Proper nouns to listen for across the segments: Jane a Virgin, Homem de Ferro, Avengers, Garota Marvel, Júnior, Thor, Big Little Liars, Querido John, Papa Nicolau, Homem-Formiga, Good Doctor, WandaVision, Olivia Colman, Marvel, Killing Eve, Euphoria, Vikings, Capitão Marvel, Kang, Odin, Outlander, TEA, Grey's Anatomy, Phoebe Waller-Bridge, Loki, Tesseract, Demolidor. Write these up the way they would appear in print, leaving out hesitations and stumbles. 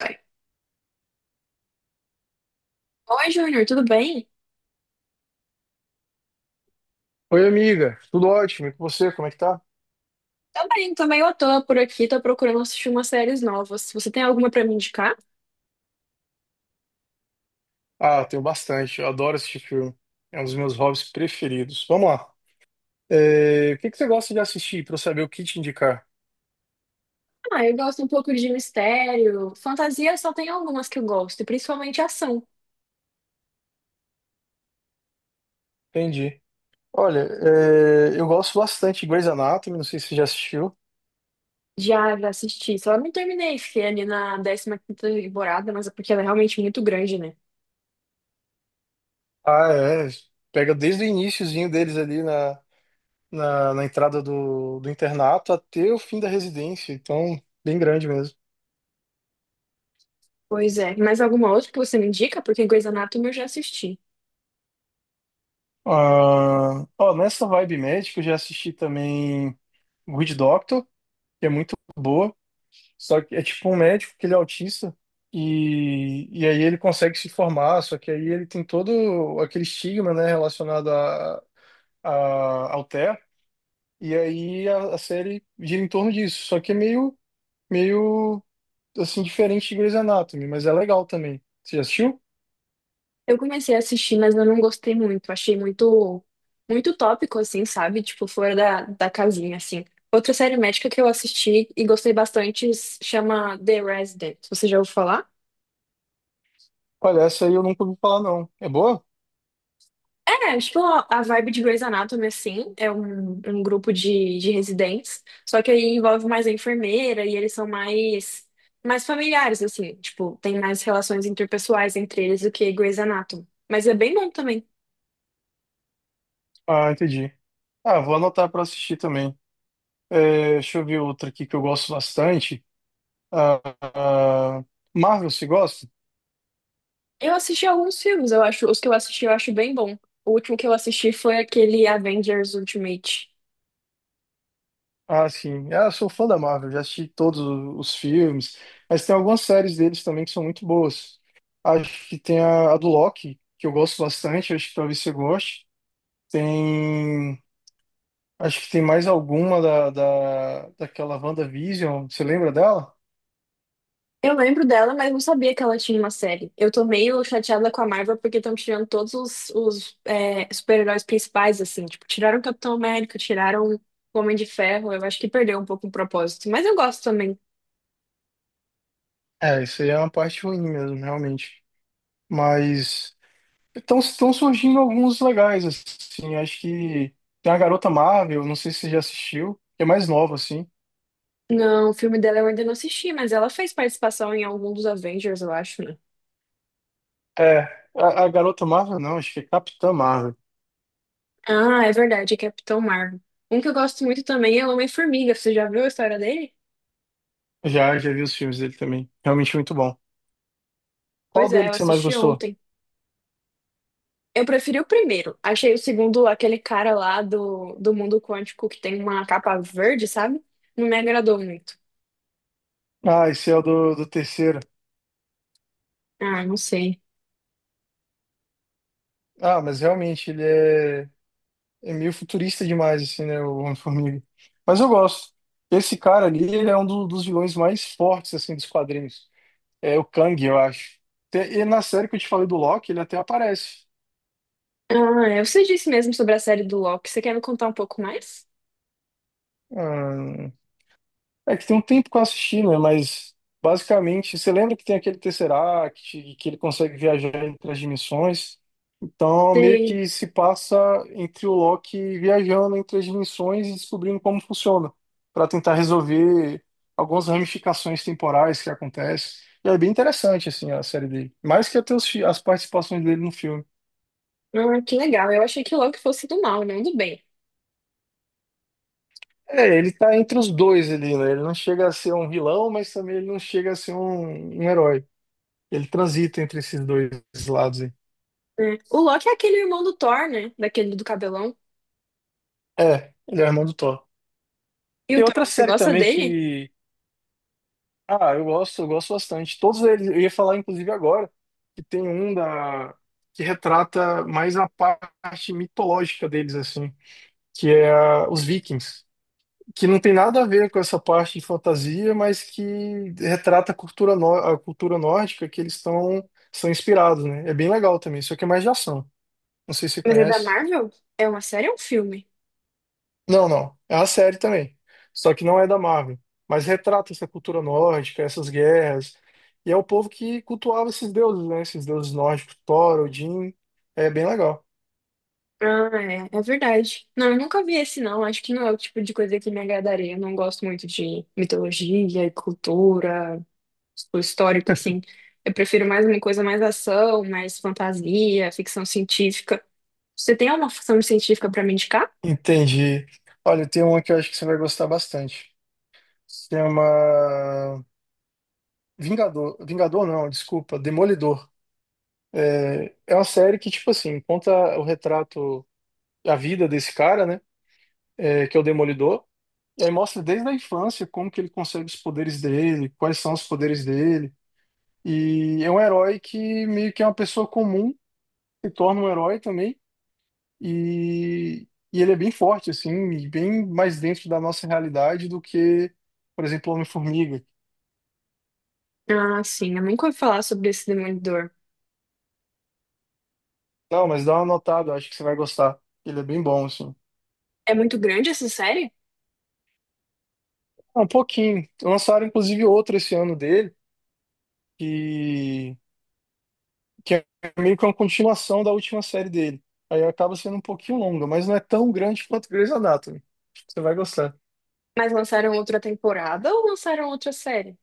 Vai. Oi, Júnior, tudo bem? Oi, amiga. Tudo ótimo. E com você, como é que tá? Tô bem, também eu tô meio à por aqui, tô procurando assistir umas séries novas. Você tem alguma pra me indicar? Ah, tenho bastante. Eu adoro assistir filme. É um dos meus hobbies preferidos. Vamos lá. O que que você gosta de assistir para eu saber o que te indicar? Ah, eu gosto um pouco de mistério. Fantasia só tem algumas que eu gosto, e principalmente ação. Entendi. Olha, eu gosto bastante de Grey's Anatomy. Não sei se você já assistiu. Já assisti, só não terminei, fiquei ali na 15ª temporada, mas é porque ela é realmente muito grande, né? Ah, é. Pega desde o iniciozinho deles ali na entrada do internato até o fim da residência. Então, bem grande mesmo. Pois é. Mais alguma outra que você me indica? Porque Grey's Anatomy eu já assisti. Ah, ó, nessa vibe médica, eu já assisti também Good Doctor, que é muito boa, só que é tipo um médico que ele é autista e aí ele consegue se formar, só que aí ele tem todo aquele estigma, né, relacionado a, ao TEA, e aí a série gira em torno disso, só que é meio assim, diferente de Grey's Anatomy, mas é legal também. Você já assistiu? Eu comecei a assistir, mas eu não gostei muito. Achei muito, muito tópico, assim, sabe? Tipo, fora da, da casinha, assim. Outra série médica que eu assisti e gostei bastante chama The Resident. Você já ouviu falar? Olha, essa aí eu nunca ouvi falar, não. É boa? É, tipo, a vibe de Grey's Anatomy, assim, é um grupo de residentes, só que aí envolve mais a enfermeira e eles são mais, mais familiares, assim, tipo, tem mais relações interpessoais entre eles do que Grey's Anatomy. Mas é bem bom também. Ah, entendi. Ah, vou anotar para assistir também. É, deixa eu ver outra aqui que eu gosto bastante. Ah, ah, Marvel, você gosta? Eu assisti alguns filmes, eu acho. Os que eu assisti eu acho bem bom. O último que eu assisti foi aquele Avengers Ultimate. Ah, sim. Eu sou fã da Marvel, já assisti os filmes, mas tem algumas séries deles também que são muito boas. Acho que tem a do Loki, que eu gosto bastante, acho que talvez você goste. Tem. Acho que tem mais alguma daquela WandaVision, você lembra dela? Eu lembro dela, mas não sabia que ela tinha uma série. Eu tô meio chateada com a Marvel porque estão tirando todos os super-heróis principais, assim. Tipo, tiraram o Capitão América, tiraram o Homem de Ferro. Eu acho que perdeu um pouco o propósito. Mas eu gosto também. É, isso aí é uma parte ruim mesmo, realmente. Mas estão surgindo alguns legais, assim. Acho que tem a Garota Marvel, não sei se você já assistiu, que é mais nova, assim. Não, o filme dela eu ainda não assisti, mas ela fez participação em algum dos Avengers, eu acho, né? É, a Garota Marvel não, acho que é Capitã Marvel. Ah, é verdade, é Capitão Marvel. Um que eu gosto muito também é o Homem-Formiga. Você já viu a história dele? Já, já vi os filmes dele também. Realmente muito bom. Qual Pois é, dele eu que você mais assisti gostou? ontem. Eu preferi o primeiro. Achei o segundo aquele cara lá do mundo quântico que tem uma capa verde, sabe? Não me agradou muito. Ah, esse é o do terceiro. Ah, não sei. Ah, mas realmente é meio futurista demais, assim, né? O Homem-Formiga. Mas eu gosto. Esse cara ali, ele é um dos vilões mais fortes, assim, dos quadrinhos. É o Kang, eu acho. E na série que eu te falei do Loki, ele até aparece. Ah, é, você disse mesmo sobre a série do Loki. Você quer me contar um pouco mais? Ah, é que tem um tempo que eu assisti, né? Mas basicamente, você lembra que tem aquele Tesseract, e que ele consegue viajar entre as dimensões? Então, meio Sei. que se passa entre o Loki viajando entre as dimensões e descobrindo como funciona, para tentar resolver algumas ramificações temporais que acontecem. E é bem interessante, assim, a série dele. Mais que até as participações dele no filme. Ah, que legal. Eu achei que o Loki fosse do mal, não do bem. É, ele tá entre os dois ali, né? Ele não chega a ser um vilão, mas também ele não chega a ser um herói. Ele transita entre esses dois lados aí. É. O Loki é aquele irmão do Thor, né? Daquele do cabelão. É, ele é o irmão do Thor. E o Tem Thor, outra você série gosta também dele? que. Ah, eu gosto bastante. Todos eles, eu ia falar, inclusive, agora, que tem um da, que retrata mais a parte mitológica deles, assim, que é os Vikings. Que não tem nada a ver com essa parte de fantasia, mas que retrata a cultura, a cultura nórdica que eles estão são inspirados, né? É bem legal também, só que é mais de ação. Não sei se você Mas é da conhece. Marvel? É uma série ou um filme? Não. É a série também. Só que não é da Marvel. Mas retrata essa cultura nórdica, essas guerras. E é o povo que cultuava esses deuses, né? Esses deuses nórdicos, Thor, Odin. É bem legal. Ah, é, é verdade. Não, eu nunca vi esse, não. Acho que não é o tipo de coisa que me agradaria. Eu não gosto muito de mitologia e cultura, tipo, histórica, assim. Eu prefiro mais uma coisa mais ação, mais fantasia, ficção científica. Você tem alguma ficção científica pra me indicar? Entendi. Olha, tem uma que eu acho que você vai gostar bastante. Se chama Vingador. Vingador não, desculpa, Demolidor. É uma série que, tipo assim, conta o retrato, a vida desse cara, né? É, que é o Demolidor. E aí mostra desde a infância como que ele consegue os poderes dele, quais são os poderes dele. E é um herói que meio que é uma pessoa comum, se torna um herói também. E ele é bem forte, assim, e bem mais dentro da nossa realidade do que, por exemplo, o Homem-Formiga. Ah, sim, eu nunca ouvi falar sobre esse Demolidor. Não, mas dá uma notada, eu acho que você vai gostar. Ele é bem bom, assim. É muito grande essa série? Um pouquinho. Lançaram, inclusive, outro esse ano dele, que que é meio que uma continuação da última série dele. Aí acaba sendo um pouquinho longa, mas não é tão grande quanto Grey's Anatomy. Você vai gostar. Mas lançaram outra temporada ou lançaram outra série?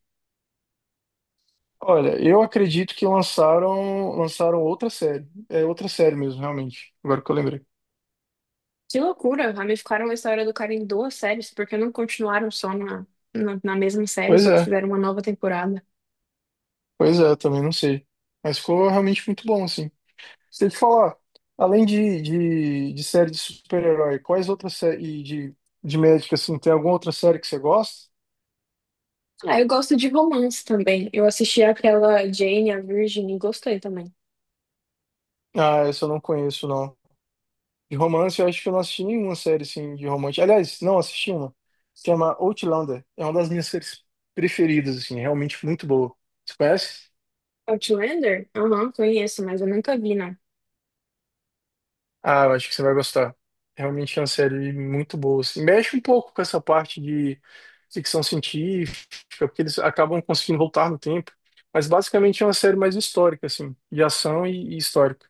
Olha, eu acredito que lançaram outra série. É outra série mesmo, realmente. Agora que eu lembrei. Que loucura! Ramificaram a história do cara em duas séries, porque não continuaram só na, na mesma série, Pois só que é, fizeram uma nova temporada. pois é, também não sei. Mas ficou realmente muito bom, assim. Se eu te falar, além de série de super-herói, quais outras séries de médica, assim, tem alguma outra série que você gosta? Ah, eu gosto de romance também. Eu assisti aquela Jane, a Virgin, e gostei também. Ah, essa eu não conheço, não. De romance, eu acho que eu não assisti nenhuma série assim de romance. Aliás, não assisti uma. Se chama Outlander. É uma das minhas séries preferidas, assim, realmente muito boa. Você conhece? Outlander? Aham, conheço, mas eu nunca vi, não. Ah, eu acho que você vai gostar. Realmente é uma série muito boa, assim. Mexe um pouco com essa parte de ficção científica, porque eles acabam conseguindo voltar no tempo. Mas basicamente é uma série mais histórica, assim, de ação e histórica.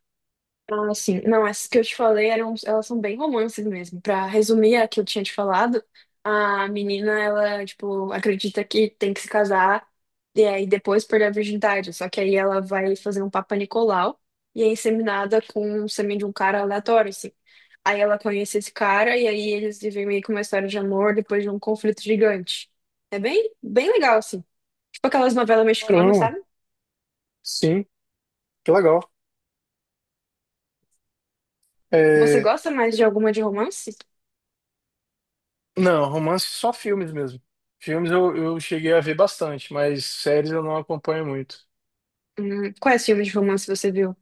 Ah, sim. Não, essas que eu te falei eram, elas são bem romances mesmo. Pra resumir a que eu tinha te falado, a menina, ela, tipo, acredita que tem que se casar e aí depois perder a virgindade. Só que aí ela vai fazer um Papa Nicolau e é inseminada com o sêmen de um cara aleatório, assim. Aí ela conhece esse cara e aí eles vivem meio que uma história de amor depois de um conflito gigante. É bem, bem legal, assim. Tipo aquelas novelas mexicanas, Caramba. sabe? Sim, que legal. Você É, gosta mais de alguma de romance? não, romance só filmes mesmo. Filmes eu cheguei a ver bastante, mas séries eu não acompanho muito. Quais filmes de romance você viu?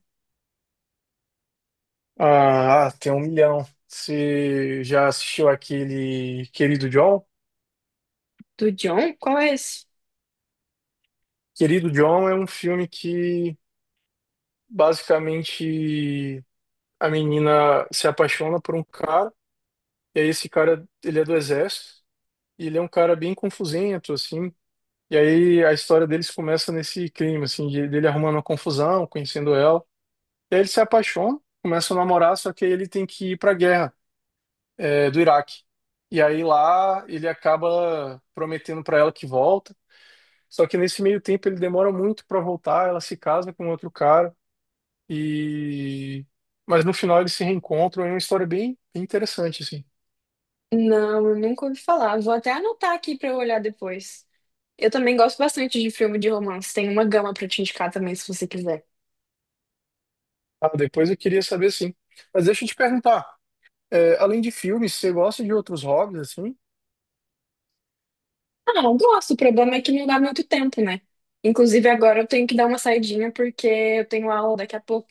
Ah, tem um milhão. Você já assistiu aquele Querido John? Do John? Qual é esse? Querido John é um filme que basicamente a menina se apaixona por um cara, e aí esse cara, ele é do exército, e ele é um cara bem confusento, assim, e aí a história deles começa nesse clima, assim, dele arrumando uma confusão, conhecendo ela, e aí eles se apaixonam, começam a namorar, só que aí ele tem que ir para a guerra, é, do Iraque. E aí lá ele acaba prometendo para ela que volta, só que nesse meio tempo ele demora muito para voltar, ela se casa com outro cara e mas no final eles se reencontram, é uma história bem interessante assim. Não, eu nunca ouvi falar. Vou até anotar aqui pra eu olhar depois. Eu também gosto bastante de filme de romance. Tem uma gama pra te indicar também, se você quiser. Ah, depois eu queria saber sim. Mas deixa eu te perguntar, é, além de filmes, você gosta de outros hobbies assim? Ah, eu gosto. O problema é que não dá muito tempo, né? Inclusive, agora eu tenho que dar uma saidinha porque eu tenho aula daqui a pouco.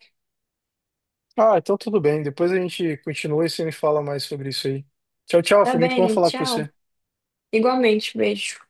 Ah, então tudo bem. Depois a gente continua e você me fala mais sobre isso aí. Tchau, tchau. Tá Foi muito bom bem, falar com tchau. você. Igualmente, beijo.